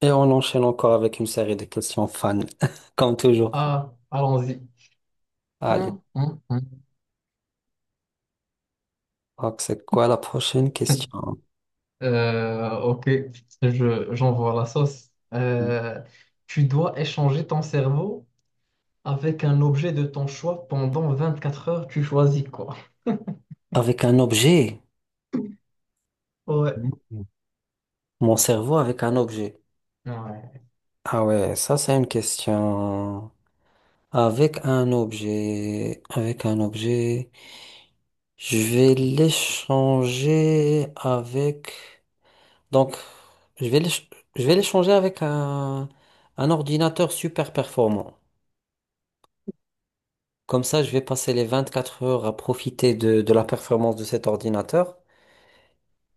Et on enchaîne encore avec une série de questions fans, comme toujours. Ah, allons-y. Allez, Hum, hum, hum. donc c'est quoi la prochaine question? Ok, j'envoie la sauce. Tu dois échanger ton cerveau avec un objet de ton choix pendant 24 heures. Tu choisis quoi? Avec un objet. Ouais. Mhm. Mon cerveau avec un objet. Ouais, Ah ouais, ça c'est une question. Avec un objet. Avec un objet. Je vais l'échanger avec... Donc, je vais l'éch- je vais l'échanger avec un ordinateur super performant. Comme ça, je vais passer les 24 heures à profiter de la performance de cet ordinateur.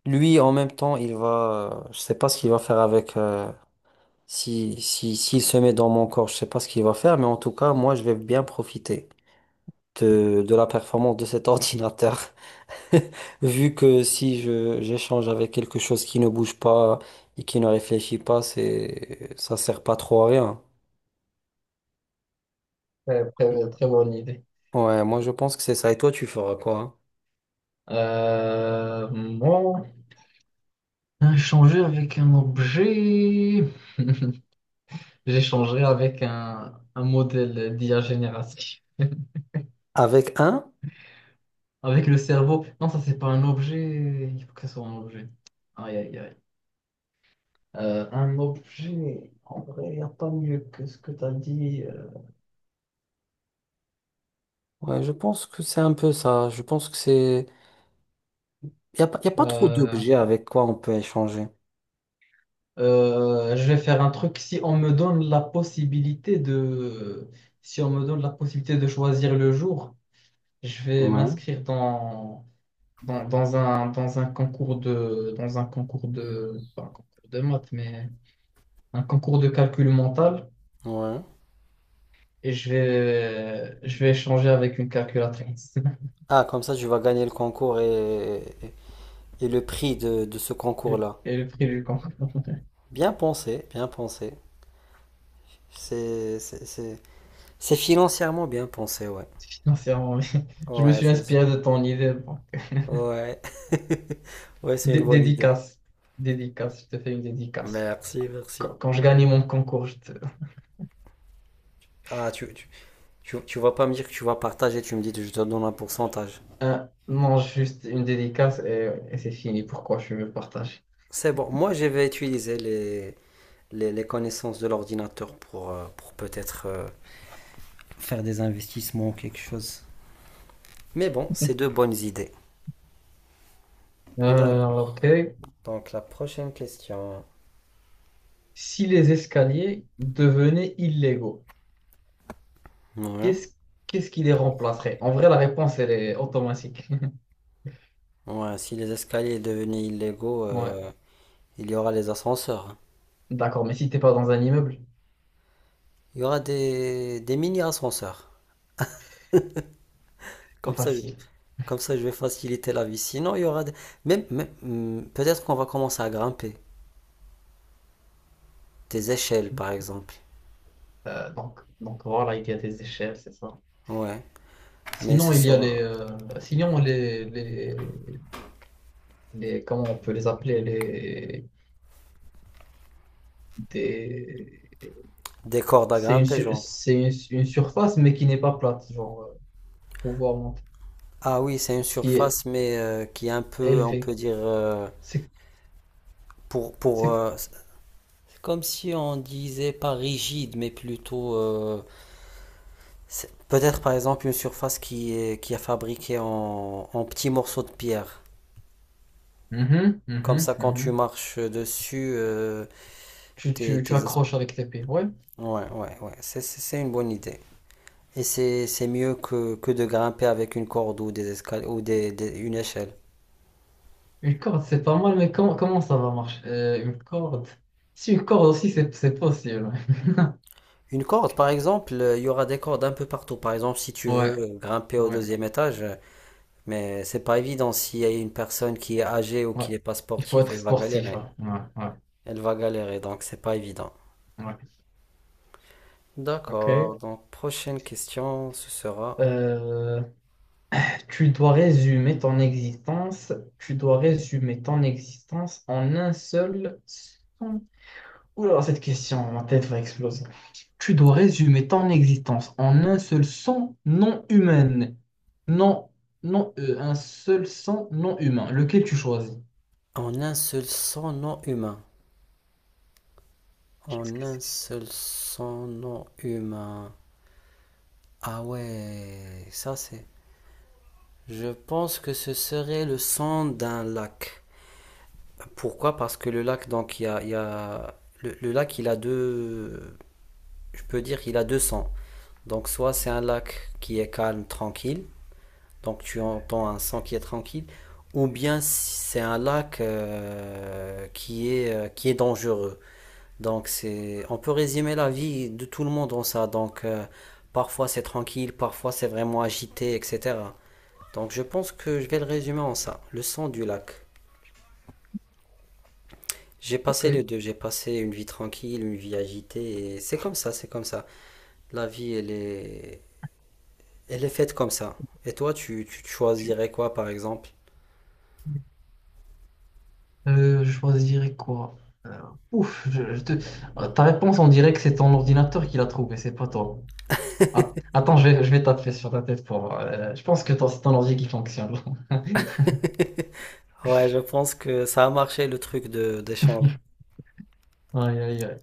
Lui, en même temps, il va, je sais pas ce qu'il va faire avec, si, si, s'il se met dans mon corps, je sais pas ce qu'il va faire, mais en tout cas, moi, je vais bien profiter de la performance de cet ordinateur. Vu que si j'échange avec quelque chose qui ne bouge pas et qui ne réfléchit pas, ça sert pas trop à rien. Très bonne idée. Ouais, moi, je pense que c'est ça. Et toi, tu feras quoi, hein? Moi, échanger avec un objet. J'échangerai avec un modèle d'IA génératif. Avec un? Avec le cerveau. Non, ça, c'est pas un objet. Il faut que ça soit un objet. Aïe, aïe, aïe. Un objet. En vrai, il n'y a pas mieux que ce que tu as dit. Ouais, je pense que c'est un peu ça. Je pense que c'est... Il n'y a, pas- y a pas trop euh, d'objets avec quoi on peut échanger. je vais faire un truc. Si on me donne la possibilité si on me donne la possibilité de choisir le jour, je vais Ouais. m'inscrire dans un concours de, pas un concours de maths, mais un concours de calcul mental. Ouais. Et je vais échanger avec une calculatrice Ah, comme ça, tu vas gagner le concours et le prix de ce concours-là. et le prix du camp Bien pensé, bien pensé. C'est c'est- c'est- c'est financièrement bien pensé, ouais. financièrement. Oui. Je me Ouais, suis c'est sûr. inspiré de ton idée. Bon. Ouais. Ouais, c'est une bonne idée. Dédicace, dédicace, je te fais une dédicace. Merci, Quand, merci. quand je gagne mon concours, je te Ah, tu vas pas me dire que tu vas partager, tu me dis que je te donne un pourcentage. mange juste une dédicace et c'est fini. Pourquoi je veux partager? C'est bon, moi je vais utiliser les connaissances de l'ordinateur pour peut-être faire des investissements ou quelque chose. Mais bon, c'est deux bonnes idées. Euh, D'accord. ok. Donc la prochaine question. Si les escaliers devenaient illégaux, Ouais. qu'est-ce qu'est-ce qui les remplacerait? En vrai, la réponse, elle est automatique. Ouais, si les escaliers devenaient illégaux, Ouais, il y aura les ascenseurs, hein. d'accord, mais si t'es pas dans un immeuble, Il y aura des mini-ascenseurs. c'est pas Comme ça, je vais, facile. comme ça, je vais faciliter la vie. Sinon, il y aura des... peut-être qu'on va commencer à grimper. Des échelles, par exemple. Donc voilà, il y a des échelles, c'est ça. Ouais. Mais Sinon, ce il y a les, sera sinon comment on peut les appeler, les, des, des cordes à grimper, genre. c'est une surface, mais qui n'est pas plate, genre, pour voir monter, Ah oui, c'est une qui est surface, mais qui est un peu, on élevée. peut dire, C'est, pour, pour, c'est. euh, c'est comme si on disait pas rigide, mais plutôt, peut-être par exemple une surface qui est fabriquée en, en petits morceaux de pierre. Mhm, Comme mhm, ça, quand tu mhm. marches dessus, tu, tes, tu, tu tes es- accroches avec tes pieds, ouais. ouais, ouais, ouais, c'est, c'est une bonne idée. Et c'est mieux que de grimper avec une corde ou des escal- ou des- une échelle. Une corde, c'est pas mal, mais comment ça va marcher? Une corde. Si une corde aussi, c'est possible. Une corde, par exemple, il y aura des cordes un peu partout. Par exemple, si tu veux Ouais, grimper au ouais. 2e étage, mais c'est pas évident s'il y a une personne qui est âgée ou Ouais. qui n'est pas Il faut sportive, être elle va sportif, galérer. hein. Ouais, ouais, Elle va galérer, donc c'est pas évident. ouais. Ok. D'accord, donc prochaine question, ce sera Euh, tu dois résumer ton existence. Tu dois résumer ton existence en un seul son. Oula, cette question, ma tête va exploser. Tu dois résumer ton existence en un seul son non humain. Non, non, un seul son non humain. Lequel tu choisis? en un seul son non humain. Qu'est-ce En que c'est un que ça? seul son non humain. Ah ouais, ça c'est. Je pense que ce serait le son d'un lac. Pourquoi? Parce que le lac, donc, le lac, il a deux, je peux dire, il a deux sons. Donc, soit c'est un lac qui est calme, tranquille, donc tu entends un son qui est tranquille, ou bien c'est un lac qui est dangereux. Donc, c'est, on peut résumer la vie de tout le monde en ça. Donc, parfois c'est tranquille, parfois c'est vraiment agité, etc. Donc, je pense que je vais le résumer en ça, le son du lac. J'ai passé les Ok. deux, j'ai passé une vie tranquille, une vie agitée, et c'est comme ça, c'est comme ça. La vie, elle est faite comme ça. Et toi, tu choisirais quoi, par exemple? Je choisirais quoi? Euh, ouf, je te. Ta réponse, on dirait que c'est ton ordinateur qui l'a trouvé, c'est pas toi. Attends, je vais taper sur ta tête pour voir. Je pense que toi, c'est ton ordi qui fonctionne. Ouais, je pense que ça a marché le truc de d'échange. Aïe, aïe, aïe.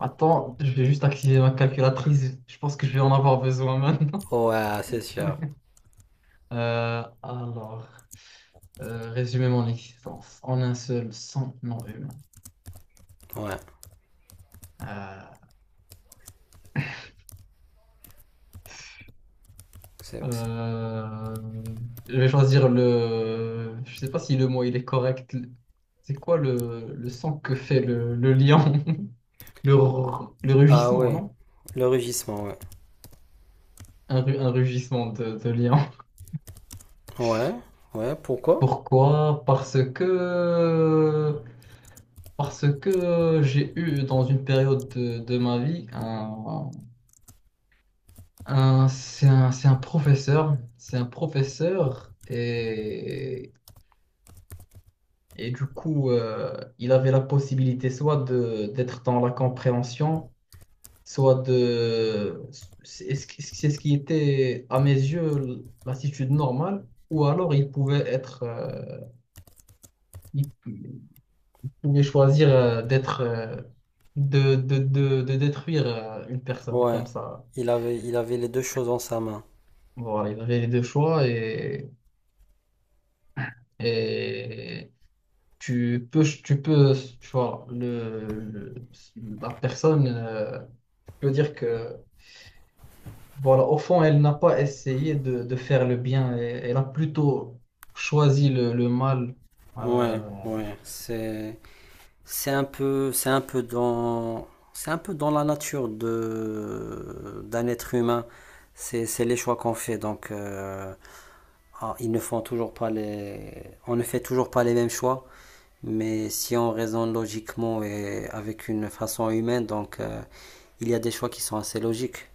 Attends, je vais juste activer ma calculatrice. Je pense que je vais en avoir besoin maintenant. Ouais, c'est sûr. Alors, résumer mon existence en un seul sans non humain. Ouais, Euh, c'est, c'est- Euh, je vais choisir le. Je sais pas si le mot il est correct. C'est quoi le son que fait le lion? Le ah rugissement, ouais, non? le rugissement, ouais. Un rugissement de lion. Ouais, ouais, pourquoi? Pourquoi? Parce que. Parce que j'ai eu dans une période de ma vie c'est un professeur. C'est un professeur et. Et du coup, il avait la possibilité soit de d'être dans la compréhension, soit de. C'est ce qui était, à mes yeux, l'attitude normale, ou alors il pouvait être, il pouvait choisir, d'être, de détruire, une personne Ouais, comme ça. Il avait les deux choses en sa main. Voilà, il avait les deux choix et tu peux, tu vois, la personne, tu peux dire que voilà, au fond, elle n'a pas essayé de faire le bien, elle a plutôt choisi le mal. Ouais, Euh, ouais, c'est... C'est un peu, c'est un peu dans la nature de, d'un être humain. C'est les choix qu'on fait. Donc, ah, ils ne font toujours pas on ne fait toujours pas les mêmes choix. Mais si on raisonne logiquement et avec une façon humaine, donc il y a des choix qui sont assez logiques.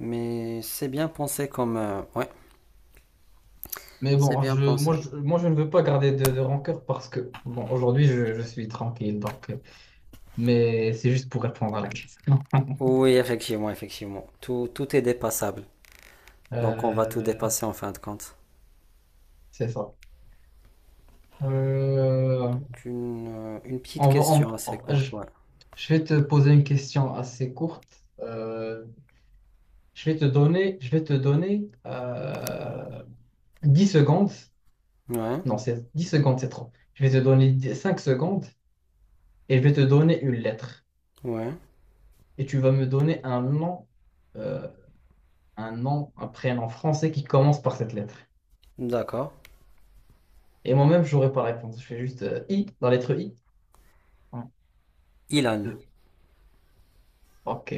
Mais c'est bien pensé comme, ouais, mais c'est bon, bien pensé. Je ne veux pas garder de rancœur parce que, bon, aujourd'hui, je suis tranquille, donc, mais c'est juste pour répondre à la question. Oui, effectivement, effectivement. Tout, tout est dépassable. Donc on va tout Euh, dépasser en fin de compte. c'est ça. Euh, Donc une petite on va- question assez on- courte, ouais. je vais te poser une question assez courte. Je vais te donner 10 secondes. Ouais, Non, c'est 10 secondes, c'est trop. Je vais te donner 5 secondes et je vais te donner une lettre. ouais, Et tu vas me donner un nom, euh, un prénom français qui commence par cette lettre. d'accord. Et moi-même, je n'aurai pas la réponse. Je fais juste I, la lettre I. Un, Ilan. deux, ok.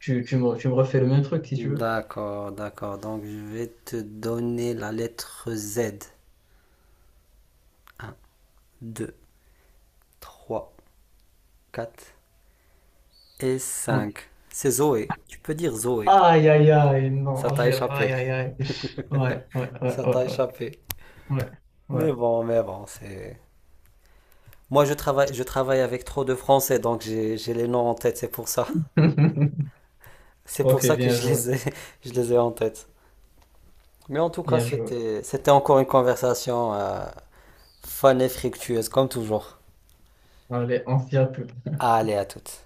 Tu me refais le même truc si tu veux. D'accord, d'accord. Donc je vais te donner la lettre Z. Un, deux, trois, quatre et Un. cinq. C'est Zoé. Tu peux dire Zoé. Aïe, aïe, aïe, Ça non, t'a aïe, échappé. aïe, aïe. Ouais, ouais, ouais, Ça t'a ouais, ouais, échappé. ouais. Ouais. Mais bon, c'est... Moi je travaille avec trop de Français, donc j'ai les noms en tête, c'est pour ça. C'est pour Ok, ça que bien je joué, les ai, je les ai en tête. Mais en tout cas, bien joué. C'était encore une conversation fun et fructueuse, comme toujours. Allez, on s'y retrouve. Allez, à toutes.